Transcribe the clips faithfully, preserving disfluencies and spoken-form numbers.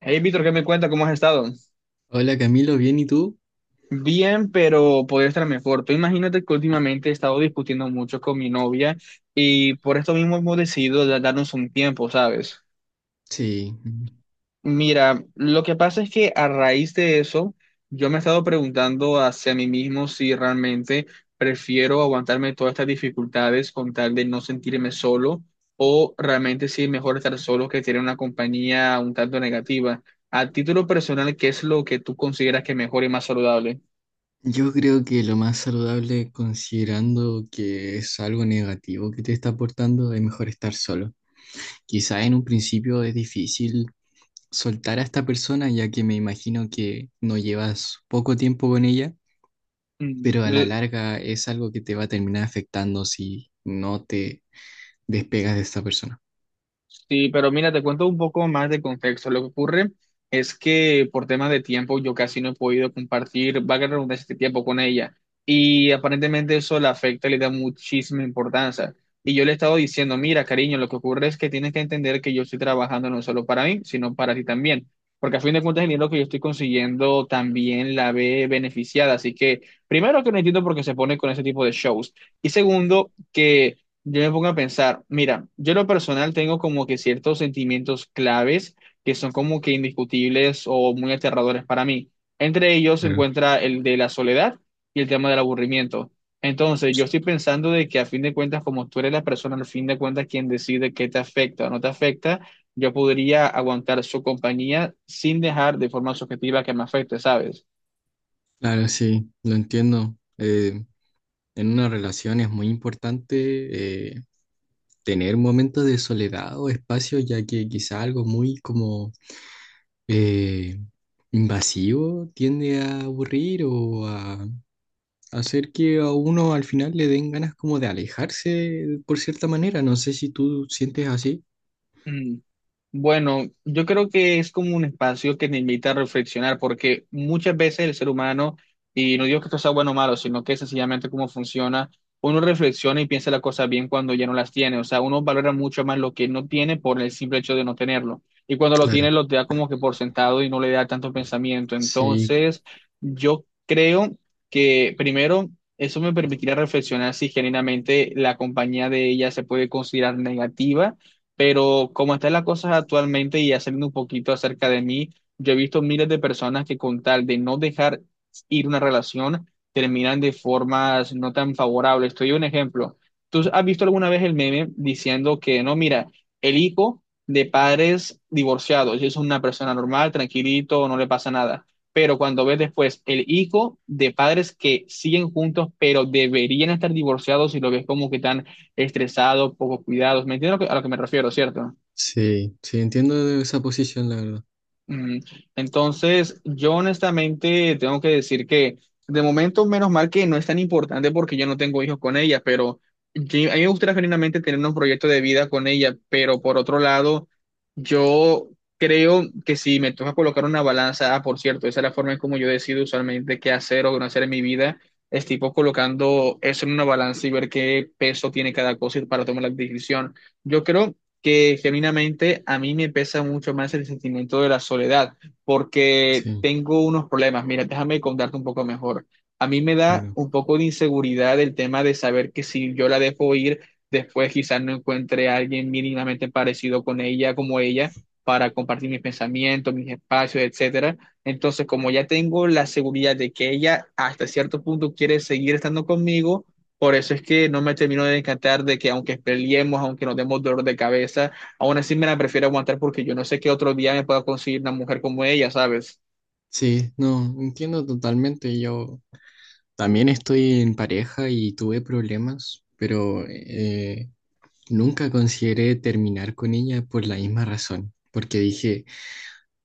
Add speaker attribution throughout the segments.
Speaker 1: Hey, Víctor, ¿qué me cuenta? ¿Cómo has estado?
Speaker 2: Hola Camilo, ¿bien y tú?
Speaker 1: Bien, pero podría estar mejor. Tú imagínate que últimamente he estado discutiendo mucho con mi novia y por esto mismo hemos decidido da- darnos un tiempo, ¿sabes?
Speaker 2: Sí,
Speaker 1: Mira, lo que pasa es que a raíz de eso, yo me he estado preguntando hacia mí mismo si realmente prefiero aguantarme todas estas dificultades con tal de no sentirme solo o realmente si es mejor estar solo que tener una compañía un tanto negativa. A título personal, ¿qué es lo que tú consideras que es mejor y más saludable?
Speaker 2: yo creo que lo más saludable, considerando que es algo negativo que te está aportando, es mejor estar solo. Quizá en un principio es difícil soltar a esta persona, ya que me imagino que no llevas poco tiempo con ella,
Speaker 1: Mm.
Speaker 2: pero a la
Speaker 1: l-
Speaker 2: larga es algo que te va a terminar afectando si no te despegas de esta persona.
Speaker 1: Sí, pero mira, te cuento un poco más de contexto. Lo que ocurre es que por temas de tiempo yo casi no he podido compartir, va a ganar este tiempo con ella. Y aparentemente eso la afecta, le da muchísima importancia. Y yo le he estado diciendo, mira, cariño, lo que ocurre es que tienes que entender que yo estoy trabajando no solo para mí, sino para ti también. Porque a fin de cuentas el dinero que yo estoy consiguiendo también la ve beneficiada. Así que, primero que no entiendo por qué se pone con ese tipo de shows. Y segundo, que... yo me pongo a pensar, mira, yo en lo personal tengo como que ciertos sentimientos claves que son como que indiscutibles o muy aterradores para mí. Entre ellos se
Speaker 2: Claro.
Speaker 1: encuentra el de la soledad y el tema del aburrimiento. Entonces, yo estoy pensando de que a fin de cuentas, como tú eres la persona, al fin de cuentas, quien decide qué te afecta o no te afecta, yo podría aguantar su compañía sin dejar de forma subjetiva que me afecte, ¿sabes?
Speaker 2: Claro, sí, lo entiendo. Eh, en una relación es muy importante. Eh, tener momentos de soledad o espacio, ya que quizá algo muy como eh, invasivo tiende a aburrir o a hacer que a uno al final le den ganas como de alejarse por cierta manera. No sé si tú sientes así.
Speaker 1: Bueno, yo creo que es como un espacio que te invita a reflexionar, porque muchas veces el ser humano, y no digo que esto sea bueno o malo, sino que sencillamente cómo funciona, uno reflexiona y piensa las cosas bien cuando ya no las tiene. O sea, uno valora mucho más lo que no tiene por el simple hecho de no tenerlo. Y cuando lo
Speaker 2: Claro,
Speaker 1: tiene, lo da como que por sentado y no le da tanto pensamiento.
Speaker 2: sí,
Speaker 1: Entonces, yo creo que primero, eso me permitirá reflexionar si genuinamente la compañía de ella se puede considerar negativa pero como están las cosas actualmente y ya saliendo un poquito acerca de mí, yo he visto miles de personas que con tal de no dejar ir una relación, terminan de formas no tan favorables. Estoy un ejemplo. ¿Tú has visto alguna vez el meme diciendo que no, mira, el hijo de padres divorciados es una persona normal, tranquilito, no le pasa nada? Pero cuando ves después el hijo de padres que siguen juntos, pero deberían estar divorciados y lo ves como que tan estresado, poco cuidados. ¿Me entiendes a lo que, a lo que me refiero, cierto?
Speaker 2: sí, sí, entiendo esa posición, la verdad.
Speaker 1: Mm. Entonces, yo honestamente tengo que decir que de momento, menos mal que no es tan importante porque yo no tengo hijos con ella, pero yo- a mí me gustaría genuinamente tener un proyecto de vida con ella, pero por otro lado, yo creo que si me toca colocar una balanza, ah, por cierto, esa es la forma en como yo decido usualmente qué hacer o qué no hacer en mi vida, es tipo colocando eso en una balanza y ver qué peso tiene cada cosa y para tomar la decisión. Yo creo que genuinamente a mí me pesa mucho más el sentimiento de la soledad, porque
Speaker 2: Sí,
Speaker 1: tengo unos problemas. Mira, déjame contarte un poco mejor. A mí me da
Speaker 2: bueno.
Speaker 1: un poco de inseguridad el tema de saber que si yo la dejo ir, después quizás no encuentre a alguien mínimamente parecido con ella, como ella, para compartir mis pensamientos, mis espacios, etcétera. Entonces, como ya tengo la seguridad de que ella hasta cierto punto quiere seguir estando conmigo, por eso es que no me termino de encantar de que aunque peleemos, aunque nos demos dolor de cabeza, aún así me la prefiero aguantar porque yo no sé qué otro día me pueda conseguir una mujer como ella, ¿sabes?
Speaker 2: Sí, no, entiendo totalmente. Yo también estoy en pareja y tuve problemas, pero eh, nunca consideré terminar con ella por la misma razón, porque dije,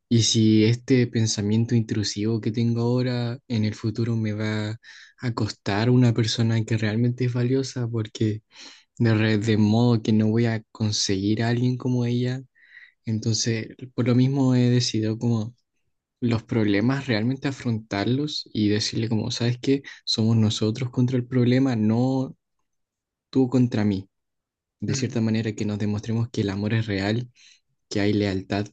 Speaker 2: ¿y si este pensamiento intrusivo que tengo ahora en el futuro me va a costar una persona que realmente es valiosa? Porque de, re- de modo que no voy a conseguir a alguien como ella. Entonces, por lo mismo he decidido como los problemas realmente afrontarlos y decirle como, ¿sabes qué? Somos nosotros contra el problema, no tú contra mí, de
Speaker 1: Mm,
Speaker 2: cierta manera que nos demostremos que el amor es real, que hay lealtad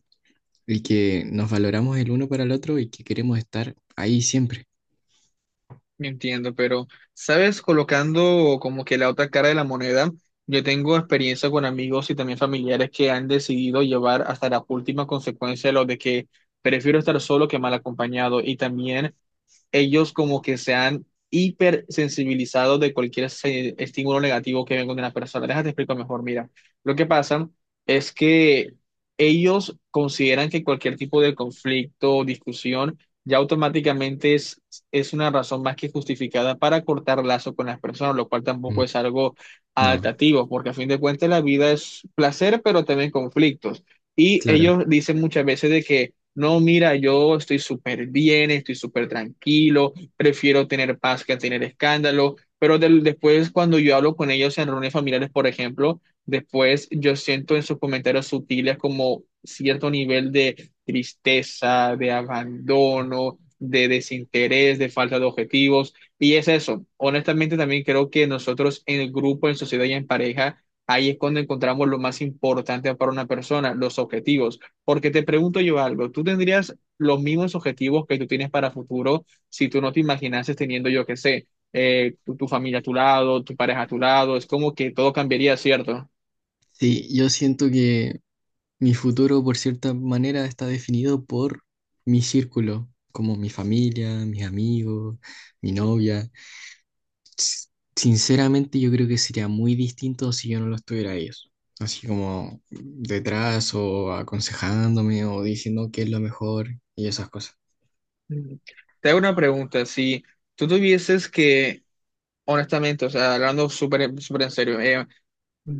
Speaker 2: y que nos valoramos el uno para el otro y que queremos estar ahí siempre.
Speaker 1: me entiendo, pero, ¿sabes? Colocando como que la otra cara de la moneda, yo tengo experiencia con amigos y también familiares que han decidido llevar hasta la última consecuencia lo de que prefiero estar solo que mal acompañado y también ellos como que se han hipersensibilizado de cualquier se- estímulo negativo que venga de una persona. Déjate explico mejor, mira. Lo que pasa es que ellos consideran que cualquier tipo de conflicto o discusión ya automáticamente es, es una razón más que justificada para cortar lazo con las personas, lo cual tampoco
Speaker 2: Mm.
Speaker 1: es algo
Speaker 2: No,
Speaker 1: adaptativo, porque a fin de cuentas la vida es placer, pero también conflictos. Y
Speaker 2: claro.
Speaker 1: ellos dicen muchas veces de que no, mira, yo estoy súper bien, estoy súper tranquilo, prefiero tener paz que tener escándalo, pero del- después cuando yo hablo con ellos en reuniones familiares, por ejemplo, después yo siento en sus comentarios sutiles como cierto nivel de tristeza, de abandono, de desinterés, de falta de objetivos, y es eso. Honestamente, también creo que nosotros en el grupo, en sociedad y en pareja, ahí es cuando encontramos lo más importante para una persona, los objetivos. Porque te pregunto yo algo, ¿tú tendrías los mismos objetivos que tú tienes para futuro si tú no te imaginases teniendo, yo qué sé, eh, tu, tu familia a tu lado, tu pareja a tu lado? Es como que todo cambiaría, ¿cierto?
Speaker 2: Sí, yo siento que mi futuro, por cierta manera, está definido por mi círculo, como mi familia, mis amigos, mi novia. S- Sinceramente, yo creo que sería muy distinto si yo no los tuviera a ellos. Así como detrás o aconsejándome o diciendo qué es lo mejor y esas cosas.
Speaker 1: Mm. Te hago una pregunta, si tú tuvieses que, honestamente, o sea, hablando súper súper en serio,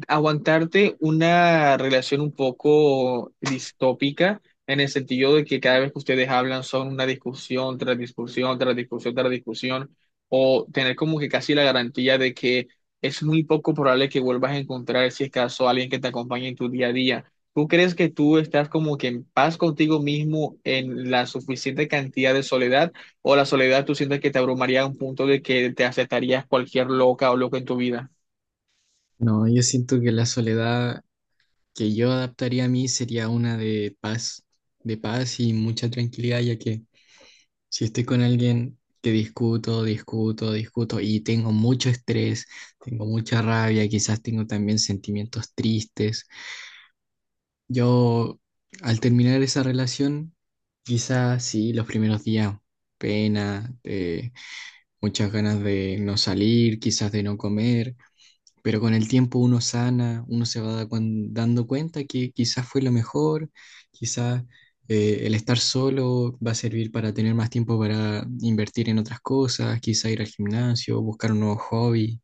Speaker 1: aguantarte una relación un poco distópica en el sentido de que cada vez que ustedes hablan son una discusión tras discusión, tras discusión, tras discusión, o tener como que casi la garantía de que es muy poco probable que vuelvas a encontrar, si es caso, a alguien que te acompañe en tu día a día. ¿Tú crees que tú estás como que en paz contigo mismo en la suficiente cantidad de soledad o la soledad tú sientes que te abrumaría a un punto de que te aceptarías cualquier loca o loco en tu vida?
Speaker 2: No, yo siento que la soledad que yo adaptaría a mí sería una de paz, de paz y mucha tranquilidad, ya que si estoy con alguien que discuto, discuto, discuto y tengo mucho estrés, tengo mucha rabia, quizás tengo también sentimientos tristes, yo al terminar esa relación, quizás sí, los primeros días, pena, eh, muchas ganas de no salir, quizás de no comer, pero con el tiempo uno sana, uno se va da- cuan- dando cuenta que quizás fue lo mejor, quizás eh, el estar solo va a servir para tener más tiempo para invertir en otras cosas, quizás ir al gimnasio, buscar un nuevo hobby.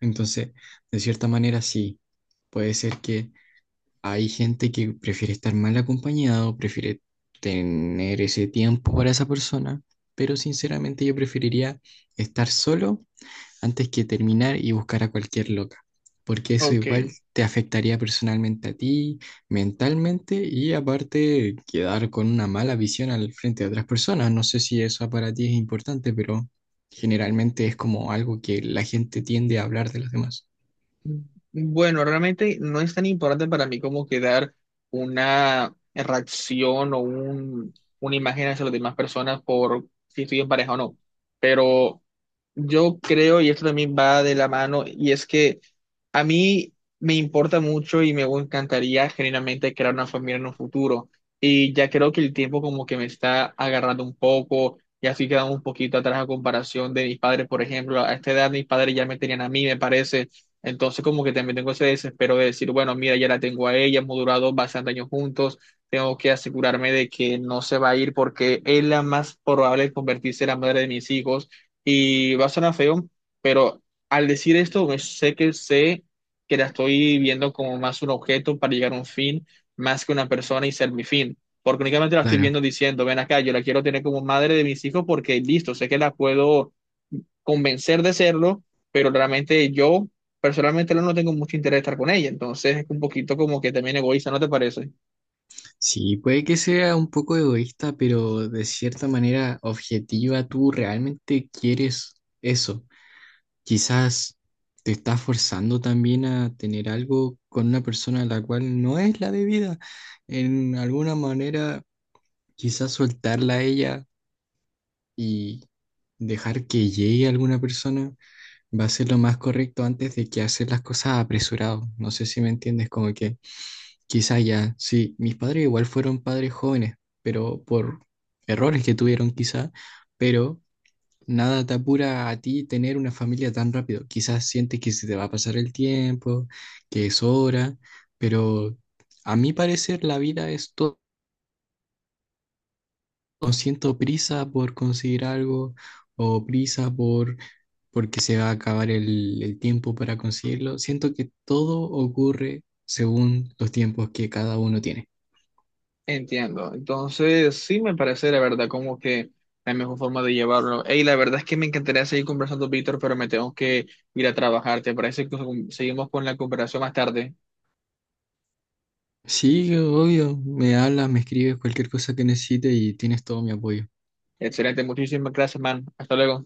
Speaker 2: Entonces, de cierta manera sí, puede ser que hay gente que prefiere estar mal acompañado, prefiere tener ese tiempo para esa persona, pero sinceramente yo preferiría estar solo antes que terminar y buscar a cualquier loca, porque eso igual
Speaker 1: Ok.
Speaker 2: te afectaría personalmente a ti, mentalmente, y aparte quedar con una mala visión al frente de otras personas. No sé si eso para ti es importante, pero generalmente es como algo que la gente tiende a hablar de los demás.
Speaker 1: Bueno, realmente no es tan importante para mí como quedar una reacción o un, una imagen hacia las demás personas por si estoy en pareja o no. Pero yo creo, y esto también va de la mano, y es que a mí me importa mucho y me encantaría genuinamente crear una familia en un futuro. Y ya creo que el tiempo como que me está agarrando un poco, y así quedando un poquito atrás a comparación de mis padres, por ejemplo. A esta edad mis padres ya me tenían a mí, me parece. Entonces como que también tengo ese desespero de decir, bueno, mira, ya la tengo a ella, hemos durado bastantes años juntos, tengo que asegurarme de que no se va a ir porque es la más probable de convertirse en la madre de mis hijos y va a sonar feo, pero al decir esto, me- sé que sé que la estoy viendo como más un objeto para llegar a un fin, más que una persona y ser mi fin. Porque únicamente la estoy
Speaker 2: Claro,
Speaker 1: viendo diciendo, ven acá, yo la quiero tener como madre de mis hijos porque listo, sé que la puedo convencer de serlo, pero realmente yo personalmente no no tengo mucho interés de estar con ella. Entonces es un poquito como que también egoísta, ¿no te parece?
Speaker 2: sí, puede que sea un poco egoísta, pero de cierta manera objetiva, tú realmente quieres eso. Quizás te estás forzando también a tener algo con una persona a la cual no es la debida. En alguna manera, quizás soltarla a ella y dejar que llegue alguna persona va a ser lo más correcto antes de que hacer las cosas apresurado. No sé si me entiendes, como que quizás ya, sí, mis padres igual fueron padres jóvenes, pero por errores que tuvieron quizás, pero nada te apura a ti tener una familia tan rápido. Quizás sientes que se te va a pasar el tiempo, que es hora, pero a mi parecer la vida es todo. No siento prisa por conseguir algo o prisa por porque se va a acabar el, el tiempo para conseguirlo. Siento que todo ocurre según los tiempos que cada uno tiene.
Speaker 1: Entiendo. Entonces, sí me parece la verdad como que la mejor forma de llevarlo. Y la verdad es que me encantaría seguir conversando, Víctor, pero me tengo que ir a trabajar. ¿Te parece que seguimos con la conversación más tarde?
Speaker 2: Sí, obvio, me hablas, me escribes cualquier cosa que necesites y tienes todo mi apoyo.
Speaker 1: Excelente, muchísimas gracias, man. Hasta luego.